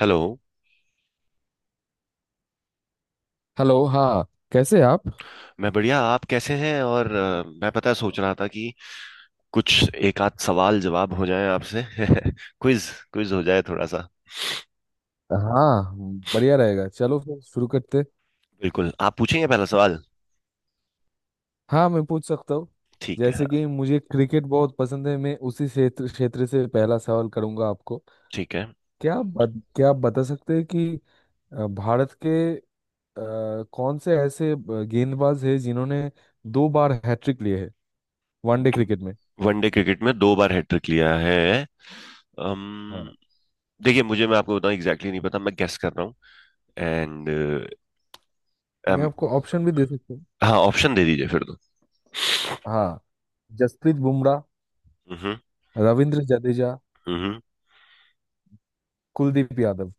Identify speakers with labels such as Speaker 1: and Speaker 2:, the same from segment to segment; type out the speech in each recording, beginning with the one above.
Speaker 1: Hello.
Speaker 2: Hello. हाँ। कैसे आप।
Speaker 1: मैं बढ़िया। आप कैसे हैं? और मैं पता है सोच रहा था कि कुछ एक आध सवाल जवाब हो जाए आपसे। क्विज क्विज हो जाए थोड़ा सा।
Speaker 2: हाँ, बढ़िया रहेगा। चलो फिर शुरू करते।
Speaker 1: बिल्कुल। आप पूछेंगे पहला सवाल।
Speaker 2: हाँ, मैं पूछ सकता हूँ।
Speaker 1: ठीक है
Speaker 2: जैसे
Speaker 1: हाँ,
Speaker 2: कि मुझे क्रिकेट बहुत पसंद है, मैं उसी क्षेत्र क्षेत्र से पहला सवाल करूंगा आपको।
Speaker 1: ठीक है।
Speaker 2: क्या आप बता सकते हैं कि भारत के कौन से ऐसे गेंदबाज हैं जिन्होंने दो बार हैट्रिक लिए है वनडे क्रिकेट में।
Speaker 1: वनडे क्रिकेट में दो बार हैट्रिक लिया है।
Speaker 2: हाँ,
Speaker 1: अम, देखिए मुझे मैं आपको बताऊं एग्जैक्टली नहीं पता, मैं गेस कर रहा हूँ। एंड।
Speaker 2: मैं आपको ऑप्शन भी दे सकता हूँ।
Speaker 1: हाँ ऑप्शन दे दीजिए फिर तो।
Speaker 2: हाँ। जसप्रीत बुमराह,
Speaker 1: हम्म।
Speaker 2: रविंद्र जडेजा,
Speaker 1: हम्म।
Speaker 2: Kuldeep Yadav.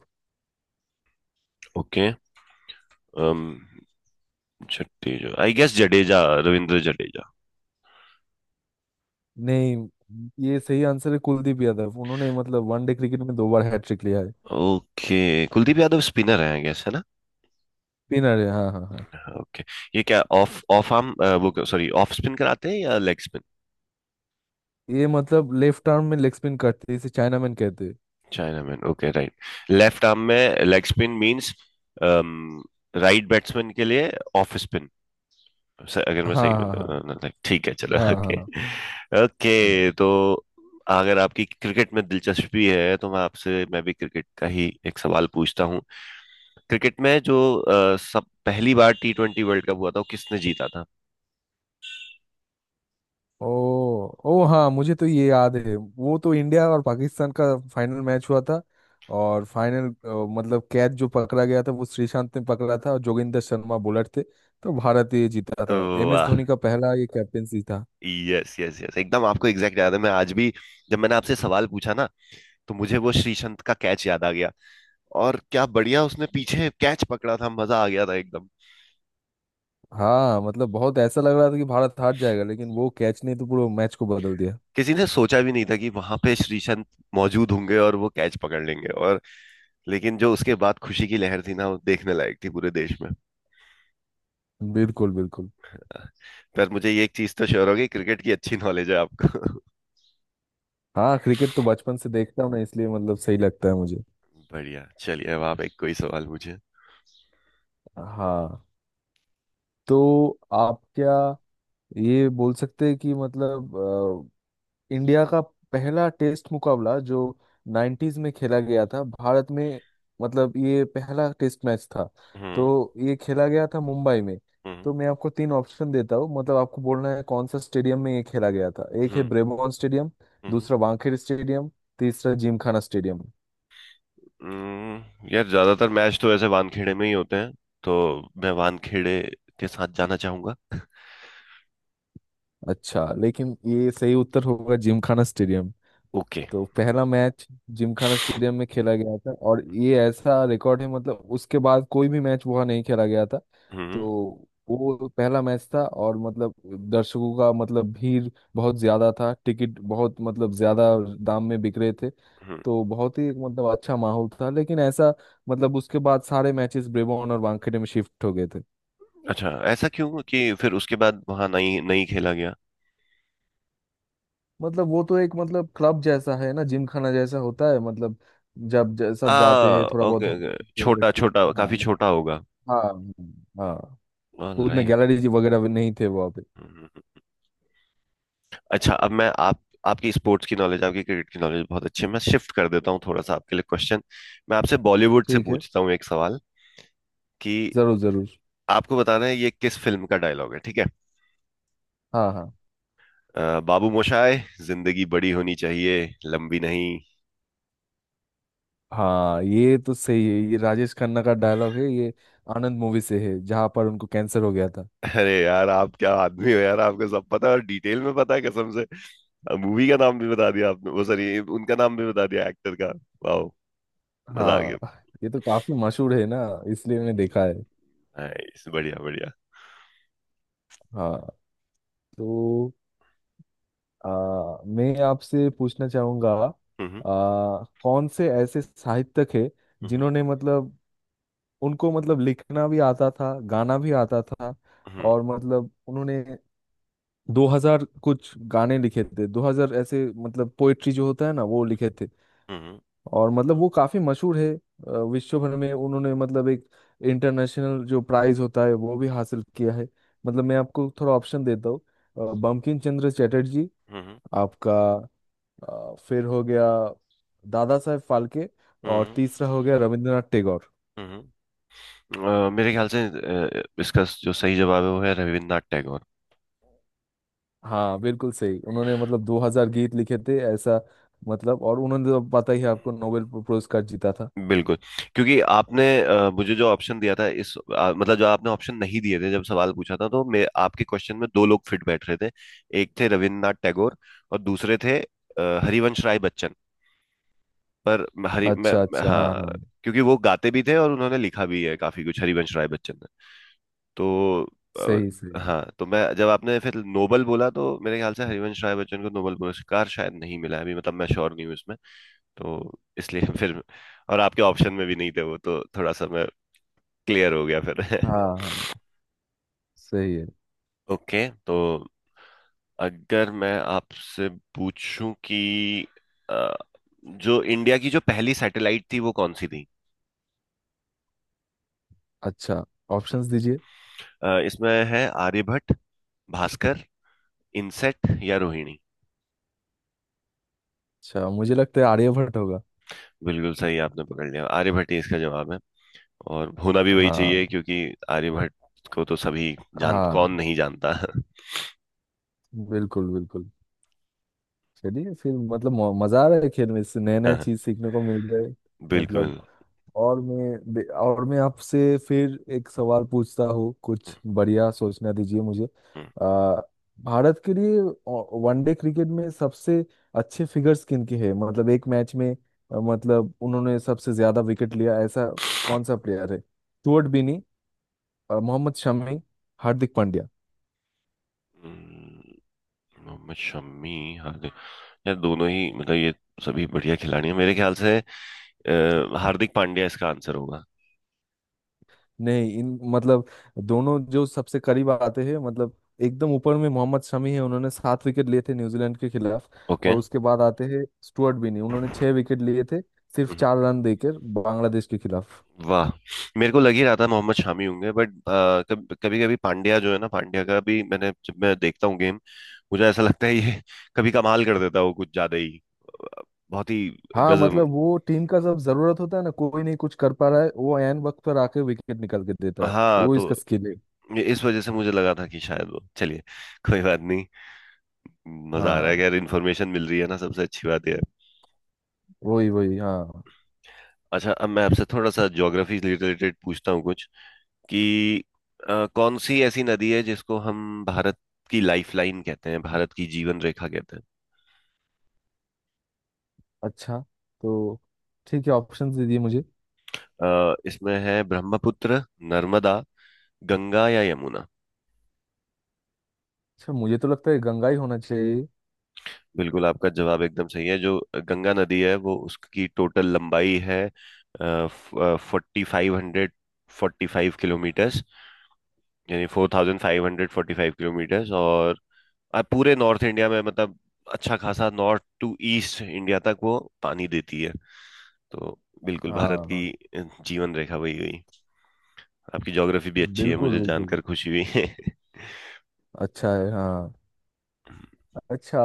Speaker 1: Okay. Jadeja I guess. Jadeja. Ravindra Jadeja.
Speaker 2: नहीं, ये सही आंसर है कुलदीप यादव। उन्होंने मतलब वनडे क्रिकेट में दो बार हैट्रिक लिया है।
Speaker 1: ओके। कुलदीप यादव स्पिनर है आई गेस, है ना?
Speaker 2: स्पिनर है, हाँ हाँ हाँ।
Speaker 1: ओके। ये क्या ऑफ ऑफ आर्म, वो सॉरी, ऑफ स्पिन कराते हैं या लेग स्पिन?
Speaker 2: ये मतलब लेफ्ट आर्म में लेग स्पिन करते हैं, इसे चाइनामैन कहते हैं।
Speaker 1: China man okay right. Left arm में leg spin means right batsman के लिए ऑफ स्पिन, अगर मैं
Speaker 2: हाँ
Speaker 1: सही
Speaker 2: हाँ हाँ।
Speaker 1: बता। ठीक है चलो।
Speaker 2: हाँ हाँ
Speaker 1: ओके।
Speaker 2: हाँ हाँ।
Speaker 1: ओके तो। अगर आपकी क्रिकेट में दिलचस्पी है तो मैं भी क्रिकेट का ही एक सवाल पूछता हूँ। क्रिकेट में जो सब पहली बार T20 वर्ल्ड कप हुआ था वो किसने जीता था?
Speaker 2: ओ। ओ हाँ, मुझे तो ये याद है। वो तो इंडिया और पाकिस्तान का फाइनल मैच हुआ था। और फाइनल मतलब कैच जो पकड़ा गया था वो श्रीशांत ने पकड़ा था, और जोगिंदर शर्मा बॉलर थे। तो भारत ये जीता था, एम एस
Speaker 1: वाह!
Speaker 2: धोनी का पहला ये कैप्टेंसी था।
Speaker 1: यस यस यस, एकदम आपको एग्जैक्ट याद है। मैं आज भी, जब मैंने आपसे सवाल पूछा ना, तो मुझे वो श्रीसंत का कैच याद आ गया। और क्या बढ़िया उसने पीछे कैच पकड़ा था, मजा आ गया था एकदम।
Speaker 2: हाँ, मतलब बहुत ऐसा लग रहा था कि भारत हार जाएगा, लेकिन वो कैच ने तो पूरा मैच को बदल दिया।
Speaker 1: किसी ने सोचा भी नहीं था कि वहां पे श्रीसंत मौजूद होंगे और वो कैच पकड़ लेंगे। और लेकिन जो उसके बाद खुशी की लहर थी ना, वो देखने लायक थी पूरे देश में।
Speaker 2: बिल्कुल बिल्कुल।
Speaker 1: पर मुझे ये एक चीज तो श्योर हो गई, क्रिकेट की अच्छी नॉलेज है आपको।
Speaker 2: हाँ, क्रिकेट तो बचपन से देखता हूँ ना, इसलिए मतलब सही लगता है मुझे।
Speaker 1: बढ़िया, चलिए अब आप एक कोई सवाल पूछे।
Speaker 2: हाँ। तो आप क्या ये बोल सकते हैं कि मतलब इंडिया का पहला टेस्ट मुकाबला जो 90s में खेला गया था भारत में, मतलब ये पहला टेस्ट मैच था, तो
Speaker 1: हम्म।
Speaker 2: ये खेला गया था मुंबई में।
Speaker 1: हम्म।
Speaker 2: तो मैं आपको तीन ऑप्शन देता हूँ, मतलब आपको बोलना है कौन सा स्टेडियम में ये खेला गया था। एक है
Speaker 1: हम्म।
Speaker 2: ब्रेबोन स्टेडियम,
Speaker 1: हम्म।
Speaker 2: दूसरा वानखेड़े स्टेडियम, तीसरा जिमखाना स्टेडियम।
Speaker 1: यार ज्यादातर मैच तो ऐसे वानखेड़े में ही होते हैं, तो मैं वानखेड़े के साथ जाना चाहूंगा।
Speaker 2: अच्छा, लेकिन ये सही उत्तर होगा जिमखाना स्टेडियम।
Speaker 1: ओके।
Speaker 2: तो पहला मैच जिमखाना स्टेडियम में खेला गया था, और ये ऐसा रिकॉर्ड है मतलब उसके बाद कोई भी मैच वहाँ नहीं खेला गया था। तो
Speaker 1: हम्म।
Speaker 2: वो पहला मैच था, और मतलब दर्शकों का मतलब भीड़ बहुत ज्यादा था, टिकट बहुत मतलब ज्यादा दाम में बिक रहे थे।
Speaker 1: हम्म।
Speaker 2: तो बहुत ही एक मतलब अच्छा माहौल था, लेकिन ऐसा मतलब उसके बाद सारे मैचेस ब्रेबॉर्न और वानखेड़े में शिफ्ट हो गए थे।
Speaker 1: अच्छा ऐसा क्यों कि फिर उसके बाद वहां नहीं नहीं खेला गया?
Speaker 2: मतलब वो तो एक मतलब क्लब जैसा है ना, जिम खाना जैसा होता है, मतलब जब
Speaker 1: आ,
Speaker 2: सब जाते हैं थोड़ा बहुत
Speaker 1: ओके
Speaker 2: हम
Speaker 1: ओके। छोटा
Speaker 2: करते हैं।
Speaker 1: छोटा,
Speaker 2: हाँ
Speaker 1: काफी छोटा होगा।
Speaker 2: हाँ हाँ। हाँ। उतने
Speaker 1: ऑलराइट।
Speaker 2: गैलरीज वगैरह भी नहीं थे वहाँ पे।
Speaker 1: अच्छा अब मैं आप आपकी स्पोर्ट्स की नॉलेज, आपकी क्रिकेट की नॉलेज बहुत अच्छी है। मैं शिफ्ट कर देता हूँ थोड़ा सा आपके लिए क्वेश्चन। मैं आपसे बॉलीवुड से
Speaker 2: ठीक है,
Speaker 1: पूछता हूँ एक सवाल, कि
Speaker 2: जरूर जरूर।
Speaker 1: आपको बताना है ये किस फिल्म का डायलॉग है, ठीक है?
Speaker 2: हाँ हाँ।
Speaker 1: बाबू मोशाय, जिंदगी बड़ी होनी चाहिए, लंबी नहीं।
Speaker 2: हाँ, ये तो सही है, ये राजेश खन्ना का डायलॉग है ये। आनंद मूवी से है जहाँ पर उनको कैंसर हो गया था।
Speaker 1: अरे यार, आप क्या आदमी हो यार, आपको सब पता है और डिटेल में पता है कसम से। मूवी का नाम भी बता दिया आपने, वो सॉरी, उनका नाम भी बता दिया एक्टर का। वाह, मजा आ गया।
Speaker 2: हाँ, ये तो काफी मशहूर है ना, इसलिए मैंने देखा है।
Speaker 1: नाइस, बढ़िया बढ़िया।
Speaker 2: हाँ। तो मैं आपसे पूछना चाहूंगा
Speaker 1: हम्म।
Speaker 2: कौन से ऐसे साहित्यक है
Speaker 1: हम्म।
Speaker 2: जिन्होंने मतलब उनको मतलब लिखना भी आता था, गाना भी आता था,
Speaker 1: हम्म।
Speaker 2: और मतलब उन्होंने 2000 कुछ गाने लिखे थे, 2000 ऐसे मतलब पोएट्री जो होता है ना वो लिखे थे।
Speaker 1: हम्म।
Speaker 2: और मतलब वो काफी मशहूर है विश्व भर में। उन्होंने मतलब एक इंटरनेशनल जो प्राइज होता है वो भी हासिल किया है। मतलब मैं आपको थोड़ा ऑप्शन देता हूँ। बंकिम चंद्र चटर्जी,
Speaker 1: हम्म। हम्म।
Speaker 2: आपका फिर हो गया दादा साहेब फाल्के,
Speaker 1: हम्म।
Speaker 2: और
Speaker 1: हम्म।
Speaker 2: तीसरा हो गया रविंद्रनाथ टैगोर।
Speaker 1: हम्म। हम्म। मेरे ख्याल से इसका जो सही जवाब है वो है रविन्द्रनाथ टैगोर।
Speaker 2: हाँ, बिल्कुल सही। उन्होंने मतलब 2000 गीत लिखे थे ऐसा मतलब। और उन्होंने तो पता ही है आपको, नोबेल पुरस्कार जीता था।
Speaker 1: बिल्कुल। क्योंकि आपने मुझे जो ऑप्शन दिया था, इस मतलब जो आपने ऑप्शन नहीं दिए थे जब सवाल पूछा था, तो मैं आपके क्वेश्चन में दो लोग फिट बैठ रहे थे। एक थे रविन्द्रनाथ टैगोर, और दूसरे थे हरिवंश राय बच्चन। पर हरि,
Speaker 2: अच्छा अच्छा। हाँ
Speaker 1: हाँ।
Speaker 2: हाँ।
Speaker 1: क्योंकि वो गाते भी थे और उन्होंने लिखा भी है काफी कुछ, हरिवंश राय बच्चन। तो अ,
Speaker 2: सही सही।
Speaker 1: हाँ, तो मैं, जब आपने फिर नोबल बोला तो मेरे ख्याल से हरिवंश राय बच्चन को नोबल पुरस्कार शायद नहीं मिला है अभी, मतलब मैं श्योर नहीं हूँ इसमें। तो इसलिए फिर, और आपके ऑप्शन में भी नहीं थे वो, तो थोड़ा सा मैं क्लियर हो गया फिर।
Speaker 2: हाँ हाँ। सही है।
Speaker 1: ओके तो, अगर मैं आपसे पूछूं कि अ, जो इंडिया की जो पहली सैटेलाइट थी वो कौन सी थी?
Speaker 2: अच्छा, ऑप्शंस दीजिए।
Speaker 1: इसमें है आर्यभट्ट, भास्कर, इनसेट या रोहिणी।
Speaker 2: अच्छा, मुझे लगता है आर्यभट्ट होगा।
Speaker 1: बिल्कुल सही, आपने पकड़ लिया, आर्यभट्ट ही इसका जवाब है। और होना भी वही चाहिए,
Speaker 2: हाँ।
Speaker 1: क्योंकि आर्यभट्ट को तो सभी जान, कौन
Speaker 2: हाँ,
Speaker 1: नहीं जानता।
Speaker 2: बिल्कुल बिल्कुल। चलिए फिर मतलब मजा आ रहा है खेल में, इससे नए नए
Speaker 1: हाँ,
Speaker 2: चीज सीखने को मिल रहे। मतलब
Speaker 1: बिल्कुल।
Speaker 2: और मैं आपसे फिर एक सवाल पूछता हूँ, कुछ बढ़िया सोचना दीजिए मुझे।
Speaker 1: हम्म।
Speaker 2: आ, भारत के लिए वनडे क्रिकेट में सबसे अच्छे फिगर्स किन के हैं, मतलब एक मैच में मतलब उन्होंने सबसे ज्यादा विकेट लिया ऐसा कौन सा प्लेयर है। स्टुअर्ट बिनी, मोहम्मद शमी, हार्दिक पांड्या।
Speaker 1: हम्म। मोहम्मद शमी, हार्दिक, यार दोनों ही मतलब ये सभी बढ़िया खिलाड़ी हैं मेरे ख्याल से। हार्दिक पांड्या इसका आंसर होगा।
Speaker 2: नहीं, इन मतलब दोनों जो सबसे करीब आते हैं मतलब एकदम ऊपर में मोहम्मद शमी है, उन्होंने सात विकेट लिए थे न्यूजीलैंड के खिलाफ।
Speaker 1: ओके।
Speaker 2: और उसके बाद आते हैं स्टुअर्ट बिनी, उन्होंने छह विकेट लिए थे सिर्फ
Speaker 1: हम्म।
Speaker 2: चार रन देकर बांग्लादेश के खिलाफ।
Speaker 1: वाह, मेरे को लग ही रहा था मोहम्मद शमी होंगे, बट कभी कभी पांड्या जो है ना, पांड्या का भी मैंने जब मैं देखता हूँ गेम, मुझे ऐसा लगता है ये कभी कमाल कर देता है, वो कुछ ज्यादा ही अ, बहुत ही
Speaker 2: हाँ,
Speaker 1: गजब।
Speaker 2: मतलब वो टीम का जब जरूरत होता है ना, कोई नहीं कुछ कर पा रहा है, वो एन वक्त पर आके विकेट निकाल के देता है,
Speaker 1: हाँ,
Speaker 2: वो
Speaker 1: तो
Speaker 2: इसका स्किल है।
Speaker 1: ये इस वजह से मुझे लगा था कि शायद वो, चलिए कोई बात नहीं। मजा आ रहा
Speaker 2: हाँ,
Speaker 1: है कि यार इन्फॉर्मेशन मिल रही है ना, सबसे अच्छी बात ये है।
Speaker 2: वही वही हाँ।
Speaker 1: अच्छा अब मैं आपसे थोड़ा सा ज्योग्राफी रिलेटेड पूछता हूँ कुछ, कि कौन सी ऐसी नदी है जिसको हम भारत की लाइफ लाइन कहते हैं, भारत की जीवन रेखा कहते हैं?
Speaker 2: अच्छा, तो ठीक है, ऑप्शन दीजिए मुझे।
Speaker 1: इसमें है ब्रह्मपुत्र, नर्मदा, गंगा या यमुना।
Speaker 2: अच्छा, मुझे तो लगता है गंगा ही होना चाहिए।
Speaker 1: बिल्कुल, आपका जवाब एकदम सही है। जो गंगा नदी है वो, उसकी टोटल लंबाई है 4545 किलोमीटर्स, यानी 4545 किलोमीटर्स। और पूरे नॉर्थ इंडिया में मतलब, अच्छा खासा नॉर्थ टू ईस्ट इंडिया तक वो पानी देती है। तो बिल्कुल भारत
Speaker 2: हाँ हाँ।
Speaker 1: की जीवन रेखा वही गई। आपकी ज्योग्राफी भी अच्छी है,
Speaker 2: बिल्कुल
Speaker 1: मुझे
Speaker 2: बिल्कुल।
Speaker 1: जानकर खुशी हुई।
Speaker 2: अच्छा है, हाँ। अच्छा,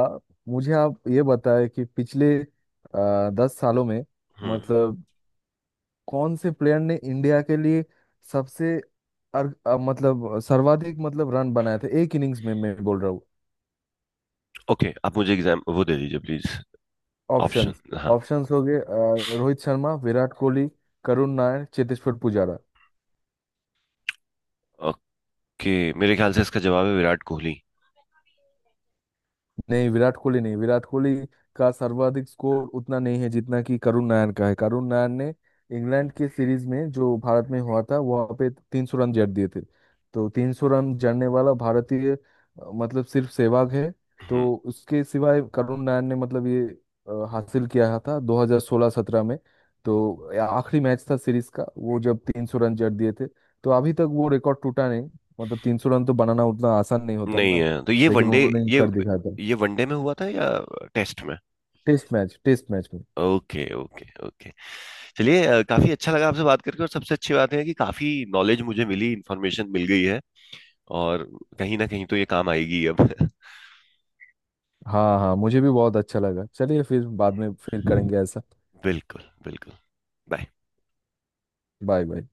Speaker 2: मुझे आप ये बताएं कि पिछले 10 सालों में
Speaker 1: हम्म।
Speaker 2: मतलब कौन से प्लेयर ने इंडिया के लिए सबसे मतलब सर्वाधिक मतलब रन बनाए थे एक इनिंग्स में मैं बोल रहा हूँ।
Speaker 1: ओके, आप मुझे एग्जाम वो दे दीजिए प्लीज। ऑप्शन
Speaker 2: ऑप्शंस
Speaker 1: हाँ।
Speaker 2: ऑप्शंस हो गए। रोहित शर्मा, विराट कोहली, करुण नायर, चेतेश्वर पुजारा।
Speaker 1: ओके मेरे ख्याल से इसका जवाब है विराट कोहली।
Speaker 2: नहीं, विराट कोहली नहीं। विराट कोहली का सर्वाधिक स्कोर उतना नहीं है जितना कि करुण नायर का है। करुण नायर ने इंग्लैंड के सीरीज में जो भारत में हुआ था वहां पे 300 रन जड़ दिए थे। तो 300 रन जड़ने वाला भारतीय मतलब सिर्फ सहवाग है।
Speaker 1: हम्म।
Speaker 2: तो उसके सिवाय करुण नायर ने मतलब ये हासिल किया था 2016-17 में। तो आखिरी मैच था सीरीज का वो जब 300 रन जड़ दिए थे। तो अभी तक वो रिकॉर्ड टूटा नहीं। मतलब 300 रन तो बनाना उतना आसान नहीं होता
Speaker 1: नहीं
Speaker 2: ना,
Speaker 1: है तो ये
Speaker 2: लेकिन
Speaker 1: वनडे,
Speaker 2: उन्होंने
Speaker 1: ये
Speaker 2: कर दिखाया था।
Speaker 1: ये वनडे में हुआ था या टेस्ट में?
Speaker 2: टेस्ट मैच, टेस्ट मैच में।
Speaker 1: Okay okay okay. चलिए, काफी अच्छा लगा आपसे बात करके। और सबसे अच्छी बात है कि काफी नॉलेज मुझे मिली, इंफॉर्मेशन मिल गई है। और कहीं ना कहीं तो ये काम आएगी अब।
Speaker 2: हाँ हाँ, मुझे भी बहुत अच्छा लगा। चलिए फिर, बाद में फिर करेंगे ऐसा।
Speaker 1: बिल्कुल बिल्कुल। बाय।
Speaker 2: Bye bye.